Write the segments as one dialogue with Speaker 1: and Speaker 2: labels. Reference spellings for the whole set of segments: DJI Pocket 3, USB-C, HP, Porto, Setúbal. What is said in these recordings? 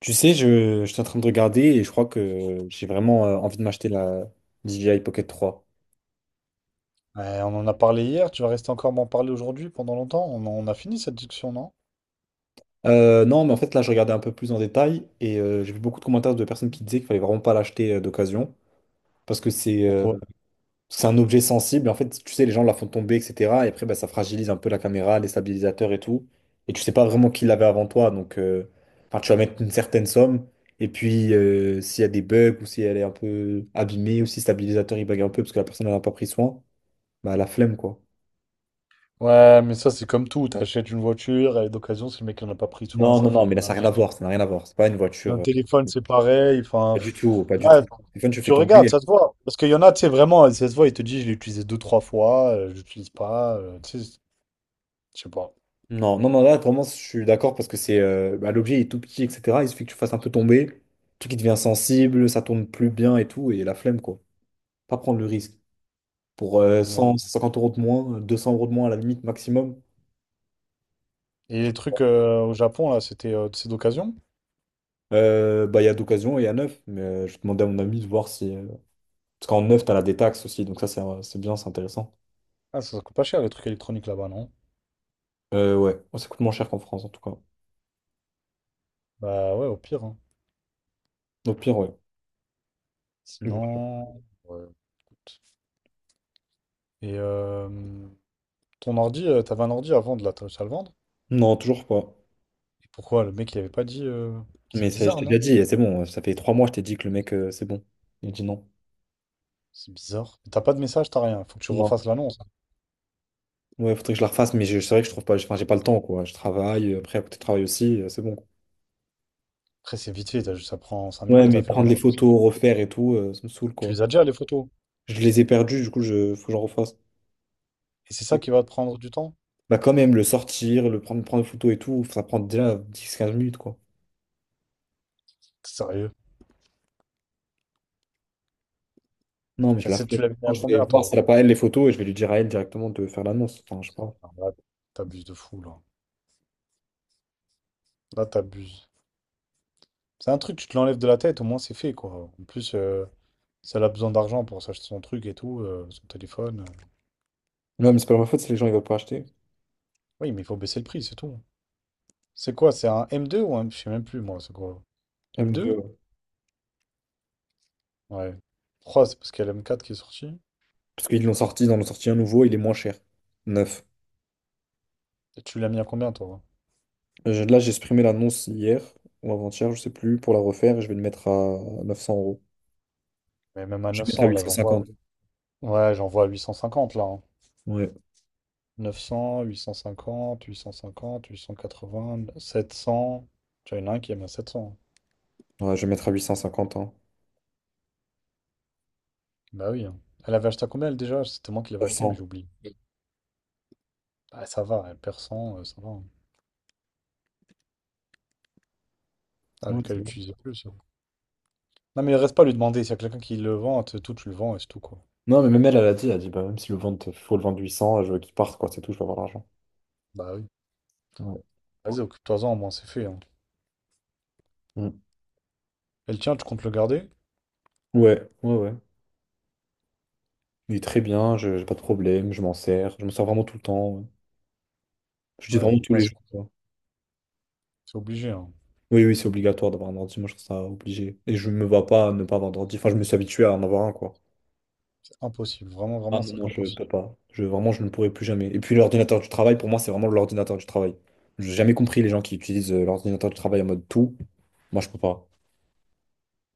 Speaker 1: Tu sais, je suis en train de regarder et je crois que j'ai vraiment envie de m'acheter la DJI Pocket 3.
Speaker 2: Ouais, on en a parlé hier, tu vas rester encore m'en parler aujourd'hui pendant longtemps? On a fini cette discussion, non?
Speaker 1: Non, mais en fait, là, je regardais un peu plus en détail et j'ai vu beaucoup de commentaires de personnes qui disaient qu'il fallait vraiment pas l'acheter d'occasion parce que
Speaker 2: Pourquoi?
Speaker 1: c'est un objet sensible. En fait, tu sais, les gens la font tomber, etc. Et après, bah, ça fragilise un peu la caméra, les stabilisateurs et tout. Et tu sais pas vraiment qui l'avait avant toi. Donc, enfin, tu vas mettre une certaine somme. Et puis, s'il y a des bugs ou si elle est un peu abîmée ou si le stabilisateur il bug un peu parce que la personne n'en a pas pris soin, bah, la flemme, quoi.
Speaker 2: Ouais, mais ça c'est comme tout, t'achètes une voiture, elle est d'occasion, si le mec n'en a pas pris soin,
Speaker 1: Non,
Speaker 2: ça
Speaker 1: non, non, mais
Speaker 2: fait
Speaker 1: là, ça
Speaker 2: mal.
Speaker 1: n'a rien à voir. Ça n'a rien à voir. C'est pas une
Speaker 2: Un
Speaker 1: voiture.
Speaker 2: téléphone c'est pareil, enfin,
Speaker 1: Pas du
Speaker 2: pff,
Speaker 1: tout, pas du
Speaker 2: là,
Speaker 1: tout. Stéphane, tu
Speaker 2: tu
Speaker 1: fais
Speaker 2: regardes,
Speaker 1: tomber.
Speaker 2: ça se voit. Parce qu'il y en a, tu sais, vraiment, ça se voit, il te dit, je l'ai utilisé deux, trois fois, je l'utilise pas, tu sais, je sais pas.
Speaker 1: Non, non, non, là, vraiment, je suis d'accord parce que c'est bah, l'objet est tout petit, etc. Il suffit que tu fasses un peu tomber. Le truc, il devient sensible, ça tourne plus bien et tout. Et la flemme, quoi. Pas prendre le risque. Pour 100,
Speaker 2: Ouais.
Speaker 1: 150 euros de moins, 200 euros de moins à la limite maximum.
Speaker 2: Et les trucs au Japon, là, c'est d'occasion?
Speaker 1: Bah, il y a d'occasion et il y a neuf. Mais je demandais à mon ami de voir si. Parce qu'en neuf, t'as la détaxe aussi. Donc ça, c'est bien, c'est intéressant.
Speaker 2: Ah, ça coûte pas cher les trucs électroniques là-bas, non?
Speaker 1: Ouais, ça coûte moins cher qu'en France, en tout cas.
Speaker 2: Bah ouais, au pire, hein.
Speaker 1: Au pire, ouais. Donc, voilà.
Speaker 2: Sinon, ouais. Et ton ordi, t'avais un ordi à vendre là, t'as réussi à le vendre?
Speaker 1: Non, toujours pas.
Speaker 2: Et pourquoi le mec il avait pas dit c'est
Speaker 1: Mais ça, je
Speaker 2: bizarre,
Speaker 1: t'ai déjà
Speaker 2: non?
Speaker 1: dit, et c'est bon, ça fait 3 mois, je t'ai dit que le mec, c'est bon. Il dit non.
Speaker 2: C'est bizarre. T'as pas de message, t'as rien. Faut que tu
Speaker 1: Non.
Speaker 2: refasses l'annonce.
Speaker 1: Ouais, faudrait que je la refasse, mais c'est vrai que je trouve pas, enfin, j'ai pas le temps, quoi. Je travaille, après, à côté de travail aussi, c'est bon, quoi.
Speaker 2: Après, c'est vite fait, ça prend 5
Speaker 1: Ouais,
Speaker 2: minutes
Speaker 1: mais
Speaker 2: à faire
Speaker 1: prendre
Speaker 2: une
Speaker 1: les
Speaker 2: annonce.
Speaker 1: photos, refaire et tout, ça me saoule,
Speaker 2: Tu
Speaker 1: quoi.
Speaker 2: les as déjà les photos.
Speaker 1: Je les ai perdues, du coup, faut que j'en refasse.
Speaker 2: Et c'est ça qui va te prendre du temps?
Speaker 1: Bah, quand même, le sortir, le prendre, prendre les photos et tout, ça prend déjà 10 15 minutes, quoi.
Speaker 2: T'es sérieux?
Speaker 1: Non, mais je la ferai.
Speaker 2: Tu l'avais mis
Speaker 1: Quand
Speaker 2: à
Speaker 1: je vais
Speaker 2: combien
Speaker 1: voir si
Speaker 2: toi?
Speaker 1: elle a pas, elle, les photos, et je vais lui dire à elle directement de faire l'annonce. Enfin, je sais pas.
Speaker 2: Ah, là, t'abuses de fou là. Là, t'abuses. C'est un truc, tu te l'enlèves de la tête, au moins c'est fait quoi. En plus, si elle a besoin d'argent pour s'acheter son truc et tout, son téléphone.
Speaker 1: Non, mais c'est pas ma faute si les gens, ils veulent pas acheter.
Speaker 2: Oui, mais il faut baisser le prix, c'est tout. C'est quoi? C'est un M2 ou un, je sais même plus, moi, c'est quoi?
Speaker 1: Même
Speaker 2: M2?
Speaker 1: de-
Speaker 2: Ouais. Trois c'est parce qu'il y a le M4 qui est sorti.
Speaker 1: Parce qu'ils l'ont sorti, ils en ont sorti un nouveau, il est moins cher. Neuf.
Speaker 2: Et tu l'as mis à combien, toi?
Speaker 1: Là, j'ai supprimé l'annonce hier ou avant-hier, je sais plus, pour la refaire et je vais le mettre à 900 euros.
Speaker 2: Mais même à
Speaker 1: Je vais mettre à
Speaker 2: 900, là, j'en vois.
Speaker 1: 850.
Speaker 2: Ouais, j'en vois à 850, là, hein.
Speaker 1: Ouais.
Speaker 2: 900, 850, 850, 880, 700. Tu vois, il y en a un qui est même à 700.
Speaker 1: Ouais, je vais mettre à 850, hein.
Speaker 2: Bah oui, hein. Elle avait acheté à combien, elle, déjà? C'était moi qui l'avais acheté, mais
Speaker 1: 900.
Speaker 2: j'oublie. Bah, ça va, elle perd cent, ça va, hein. Ah,
Speaker 1: Ouais, c'est
Speaker 2: qu'elle
Speaker 1: bon.
Speaker 2: l'utilisait plus, hein. Non, mais il reste pas à lui demander. S'il y a quelqu'un qui le vend, tout, tu le vends et c'est tout, quoi.
Speaker 1: Non, mais même elle, elle a dit, bah, même si le vente, faut le vendre 800, je veux qu'il parte, quoi, c'est tout, je vais avoir l'argent.
Speaker 2: Bah oui.
Speaker 1: Ouais.
Speaker 2: Vas-y, occupe-toi-en, au moins, c'est fait, hein.
Speaker 1: Mm.
Speaker 2: Et le tien, tu comptes le garder?
Speaker 1: Ouais, ouais, ouais. Il est très bien, je j'ai pas de problème, je m'en sers vraiment tout le temps, ouais. Je dis
Speaker 2: Ouais,
Speaker 1: vraiment tous
Speaker 2: ouais,
Speaker 1: les
Speaker 2: c'est
Speaker 1: jours, quoi.
Speaker 2: c'est obligé, hein.
Speaker 1: Oui, oui, c'est obligatoire d'avoir un ordi, moi je trouve ça obligé. Et je me vois pas ne pas avoir d'ordi. Enfin, je me suis habitué à en avoir un, quoi.
Speaker 2: C'est impossible. Vraiment,
Speaker 1: Ah
Speaker 2: vraiment,
Speaker 1: non,
Speaker 2: c'est
Speaker 1: non, je
Speaker 2: impossible.
Speaker 1: peux pas. Vraiment, je ne pourrai plus jamais. Et puis l'ordinateur du travail, pour moi, c'est vraiment l'ordinateur du travail. J'ai jamais compris les gens qui utilisent l'ordinateur du travail en mode tout. Moi, je peux pas.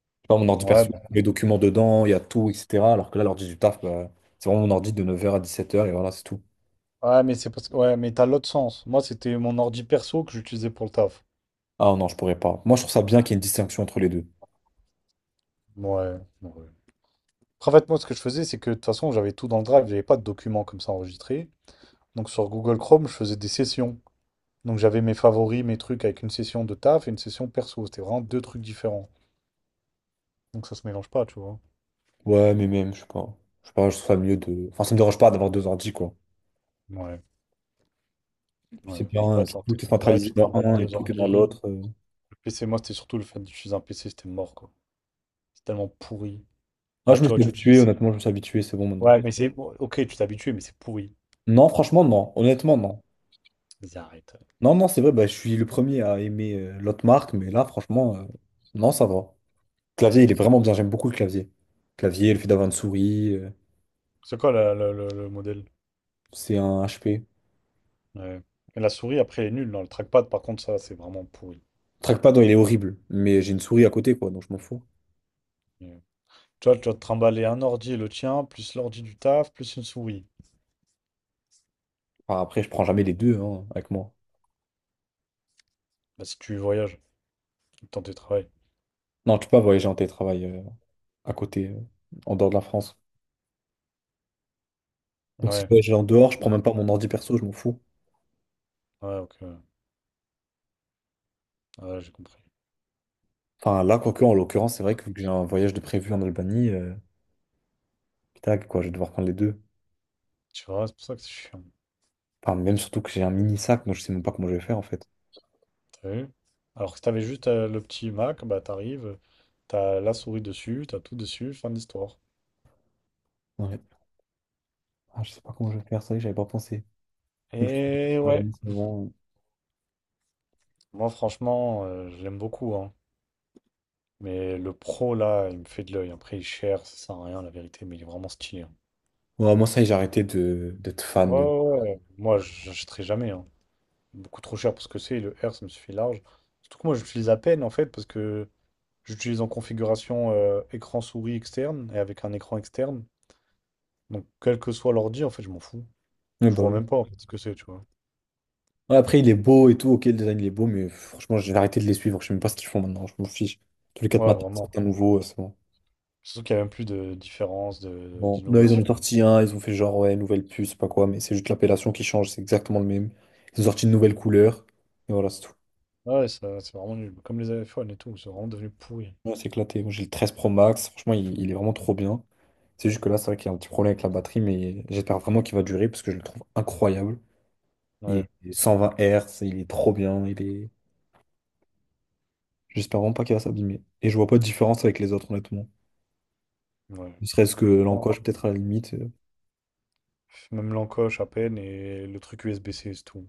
Speaker 1: Je sais pas mon ordi
Speaker 2: Ouais,
Speaker 1: perso,
Speaker 2: bah,
Speaker 1: les documents dedans, il y a tout, etc. Alors que là, l'ordi du taf, bah, c'est vraiment mon ordi de 9 h à 17 h et voilà, c'est tout.
Speaker 2: ouais, mais c'est parce que ouais, mais t'as l'autre sens. Moi, c'était mon ordi perso que j'utilisais pour le taf.
Speaker 1: Ah non, je pourrais pas. Moi, je trouve ça bien qu'il y ait une distinction entre les deux.
Speaker 2: Ouais, ouais. Après, en fait, moi, ce que je faisais, c'est que de toute façon, j'avais tout dans le drive, j'avais pas de documents comme ça enregistrés. Donc sur Google Chrome, je faisais des sessions. Donc j'avais mes favoris, mes trucs avec une session de taf et une session perso. C'était vraiment deux trucs différents. Donc ça se mélange pas, tu vois.
Speaker 1: Ouais, mais même, je sais pas. Je sais pas, je trouve ça mieux de. Enfin, ça me dérange pas d'avoir deux ordis, quoi.
Speaker 2: Ouais,
Speaker 1: Puis c'est
Speaker 2: ouais.
Speaker 1: bien,
Speaker 2: Je sais
Speaker 1: hein,
Speaker 2: pas, tu rentres tes
Speaker 1: tout est
Speaker 2: travail,
Speaker 1: centralisé
Speaker 2: tu te
Speaker 1: dans
Speaker 2: trimbales
Speaker 1: un et
Speaker 2: deux
Speaker 1: tout est dans
Speaker 2: ordi.
Speaker 1: l'autre.
Speaker 2: Le PC, moi, c'était surtout le fait d'utiliser un PC, c'était mort, quoi. C'est tellement pourri.
Speaker 1: Ah,
Speaker 2: Ah,
Speaker 1: je me
Speaker 2: tu vois,
Speaker 1: suis
Speaker 2: tu, tu-
Speaker 1: habitué,
Speaker 2: c'est-
Speaker 1: honnêtement, je me suis habitué, c'est bon maintenant.
Speaker 2: Ouais, mais c'est bon, ok, tu t'es habitué, mais c'est pourri.
Speaker 1: Non, franchement, non. Honnêtement, non.
Speaker 2: Vas-y, arrête.
Speaker 1: Non, non, c'est vrai, bah, je suis le premier à aimer l'autre marque, mais là, franchement, non, ça va. Clavier, il est vraiment bien. J'aime beaucoup le clavier. Clavier, le fait d'avoir une souris,
Speaker 2: C'est quoi le modèle?
Speaker 1: c'est un HP.
Speaker 2: Ouais. Et la souris, après, elle est nulle. Non, le trackpad, par contre, ça, c'est vraiment pourri.
Speaker 1: Trackpad, non, il est horrible, mais j'ai une souris à côté, quoi, donc je m'en fous.
Speaker 2: Ouais. Tu vois, tu vas te trimballer un ordi, le tien, plus l'ordi du taf, plus une souris.
Speaker 1: Enfin, après, je prends jamais les deux hein, avec moi.
Speaker 2: Bah, si tu voyages, le temps de travail.
Speaker 1: Non, tu peux pas voyager en télétravail à côté, en dehors de la France. Donc, si je
Speaker 2: Ouais,
Speaker 1: voyage en dehors, je prends même pas mon ordi perso, je m'en fous.
Speaker 2: ouais, ok, ouais. Ouais, j'ai compris.
Speaker 1: Enfin, là, quoique, en l'occurrence, c'est vrai que vu que j'ai un voyage de prévu en Albanie, tac, quoi, je vais devoir prendre les deux.
Speaker 2: Tu vois, c'est pour ça que c'est chiant.
Speaker 1: Enfin, même surtout que j'ai un mini sac, donc je sais même pas comment je vais faire en fait.
Speaker 2: T'as vu? Alors que si t'avais juste le petit Mac, bah, t'arrives, t'as la souris dessus, t'as tout dessus, fin de l'histoire.
Speaker 1: Ouais. Ah, je sais pas comment je vais faire, ça y est, j'avais pas pensé. Donc, je pense que je
Speaker 2: Et
Speaker 1: vais
Speaker 2: ouais.
Speaker 1: travailler en ce moment.
Speaker 2: Moi, franchement, je l'aime beaucoup, hein. Mais le pro, là, il me fait de l'œil. Après, il est cher, ça sert à rien, la vérité, mais il est vraiment stylé, hein.
Speaker 1: Ouais, moi, ça y est, j'ai arrêté de d'être fan.
Speaker 2: Ouais,
Speaker 1: de-
Speaker 2: ouais, ouais, ouais. Moi, j'achèterai jamais, hein. Beaucoup trop cher pour ce que c'est. Le R, ça me suffit large. Surtout que moi, j'utilise à peine, en fait, parce que j'utilise en configuration écran souris externe et avec un écran externe. Donc, quel que soit l'ordi, en fait, je m'en fous.
Speaker 1: Ouais,
Speaker 2: Je
Speaker 1: bah
Speaker 2: vois
Speaker 1: oui.
Speaker 2: même pas, en fait, ce que c'est, tu vois.
Speaker 1: Ouais, après, il est beau et tout, ok, le design il est beau, mais franchement, j'ai arrêté de les suivre, je sais même pas ce qu'ils font maintenant, je m'en fiche. Tous les quatre
Speaker 2: Ouais,
Speaker 1: matins,
Speaker 2: vraiment.
Speaker 1: c'est un nouveau, c'est bon.
Speaker 2: Surtout qu'il n'y a même plus de différence,
Speaker 1: Bon, là, ils en ont
Speaker 2: d'innovation.
Speaker 1: sorti un, ils ont fait genre, ouais, nouvelle puce, je sais pas quoi, mais c'est juste l'appellation qui change, c'est exactement le même. Ils ont sorti une nouvelle couleur, et voilà, c'est tout.
Speaker 2: Ouais, c'est vraiment nul. Comme les iPhones et tout, c'est vraiment devenu pourri.
Speaker 1: Ouais, c'est éclaté. Moi, j'ai le 13 Pro Max. Franchement, il est vraiment trop bien. C'est juste que là, c'est vrai qu'il y a un petit problème avec la batterie, mais j'espère vraiment qu'il va durer parce que je le trouve incroyable. Il
Speaker 2: Ouais.
Speaker 1: est cent vingt 120 Hz, il est trop bien. Il est... J'espère vraiment pas qu'il va s'abîmer. Et je vois pas de différence avec les autres, honnêtement.
Speaker 2: Ouais.
Speaker 1: Ne serait-ce que
Speaker 2: Non,
Speaker 1: l'encoche, peut-être à la limite.
Speaker 2: même l'encoche à peine et le truc USB-C, c'est tout.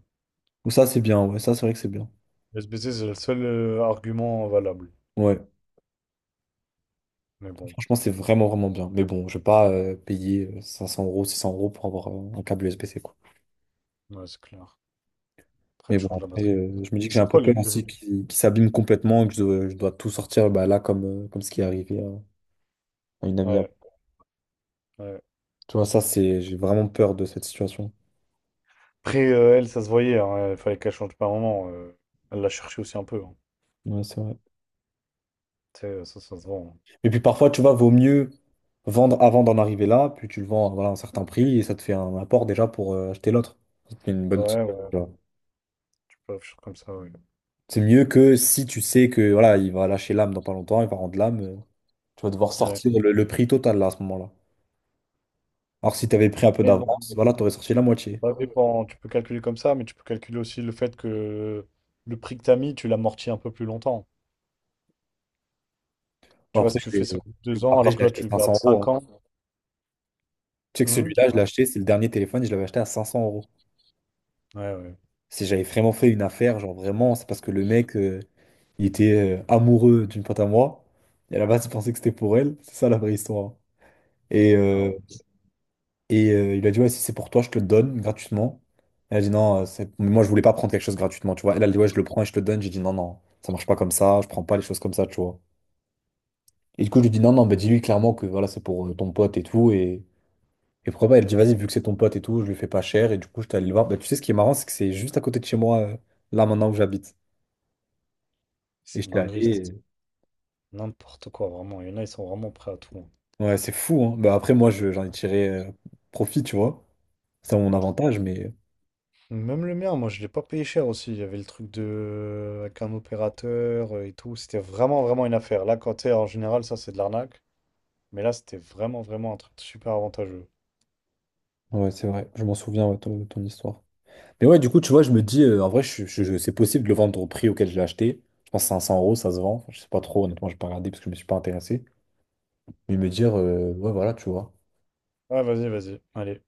Speaker 1: Ou ça, c'est bien. Ouais, ça, c'est vrai que c'est bien.
Speaker 2: USB-C, c'est le seul argument valable.
Speaker 1: Ouais,
Speaker 2: Mais bon,
Speaker 1: franchement, c'est vraiment, vraiment bien. Mais bon, je vais pas payer 500 euros, 600 euros pour avoir un câble USB-C, quoi.
Speaker 2: ouais, c'est clair. Après,
Speaker 1: Mais
Speaker 2: tu
Speaker 1: bon,
Speaker 2: changes la
Speaker 1: après,
Speaker 2: batterie.
Speaker 1: je me dis que j'ai un
Speaker 2: C'est
Speaker 1: peu
Speaker 2: quoi le
Speaker 1: peur
Speaker 2: plus.
Speaker 1: aussi qu'il s'abîme complètement et que je dois tout sortir bah, là, comme ce qui est arrivé à une amie. À moi.
Speaker 2: Ouais, ouais.
Speaker 1: Tu vois, ça, c'est, j'ai vraiment peur de cette situation.
Speaker 2: Après, elle, ça se voyait, hein. Il fallait qu'elle change pas un moment. Elle l'a cherché aussi un peu, hein.
Speaker 1: Ouais, c'est vrai.
Speaker 2: Tu sais, ça se vend.
Speaker 1: Et puis parfois, tu vois, vaut mieux vendre avant d'en arriver là, puis tu le vends voilà, à voilà, un certain prix et ça te fait un apport déjà pour acheter l'autre. Ça te fait une
Speaker 2: Hein.
Speaker 1: bonne petite.
Speaker 2: Ouais, ouais.
Speaker 1: Tu vois.
Speaker 2: Tu peux afficher comme ça, ouais.
Speaker 1: C'est mieux que si tu sais que voilà, il va lâcher l'âme dans pas longtemps, il va rendre l'âme. Tu vas devoir
Speaker 2: Ouais.
Speaker 1: sortir le prix total là, à ce moment-là. Alors, si tu avais pris un peu
Speaker 2: Mais bon,
Speaker 1: d'avance, voilà, tu aurais sorti la moitié.
Speaker 2: ça dépend. Tu peux calculer comme ça, mais tu peux calculer aussi le fait que le prix que t'as mis, tu l'amortis un peu plus longtemps.
Speaker 1: Bon,
Speaker 2: Tu vois, si
Speaker 1: Après,
Speaker 2: tu fais ça en 2 ans,
Speaker 1: Après,
Speaker 2: alors
Speaker 1: je
Speaker 2: que
Speaker 1: l'ai
Speaker 2: là,
Speaker 1: acheté
Speaker 2: tu le gardes
Speaker 1: 500
Speaker 2: cinq
Speaker 1: euros, hein.
Speaker 2: ans.
Speaker 1: Tu sais que
Speaker 2: Mmh.
Speaker 1: celui-là, je l'ai
Speaker 2: Ouais,
Speaker 1: acheté, c'est le dernier téléphone, je l'avais acheté à 500 euros.
Speaker 2: ouais, ouais.
Speaker 1: Si j'avais vraiment fait une affaire, genre vraiment, c'est parce que le mec, il était amoureux d'une pote à moi. Et à la base, il pensait que c'était pour elle. C'est ça la vraie histoire. Hein. Et,
Speaker 2: Ah
Speaker 1: euh,
Speaker 2: ouais,
Speaker 1: et il a dit, ouais, si c'est pour toi, je te le donne gratuitement. Elle a dit, non, c'est- mais moi, je voulais pas prendre quelque chose gratuitement, tu vois. Elle a dit, ouais, je le prends et je te le donne. J'ai dit, non, non, ça marche pas comme ça, je prends pas les choses comme ça, tu vois. Et du coup, je lui dis, non, non, bah, dis-lui clairement que voilà, c'est pour ton pote et tout. Et pourquoi pas, elle dit, vas-y, vu que c'est ton pote et tout, je lui fais pas cher. Et du coup, je allé le voir. Bah, tu sais, ce qui est marrant, c'est que c'est juste à côté de chez moi, là, maintenant où j'habite. Et
Speaker 2: c'est une
Speaker 1: j'étais allé.
Speaker 2: dinguerie, c'est
Speaker 1: et-
Speaker 2: n'importe quoi, vraiment. Il y en a, ils sont vraiment prêts à tout, hein.
Speaker 1: Ouais, c'est fou, hein. Bah, après, moi, j'en ai tiré profit, tu vois. C'est mon avantage, mais
Speaker 2: Même le mien, moi, je l'ai pas payé cher aussi. Il y avait le truc de, avec un opérateur et tout. C'était vraiment, vraiment une affaire. Là, quand t'es en général, ça, c'est de l'arnaque. Mais là, c'était vraiment, vraiment un truc super avantageux.
Speaker 1: ouais, c'est vrai. Je m'en souviens, ouais, ton histoire. Mais ouais, du coup, tu vois, je me dis, en vrai, c'est possible de le vendre au prix auquel je l'ai acheté. Je pense que 500 euros, ça se vend. Enfin, je sais pas trop, honnêtement, j'ai pas regardé parce que je me suis pas intéressé. Mais me dire, ouais, voilà, tu vois.
Speaker 2: Ouais, vas-y, vas-y. Allez.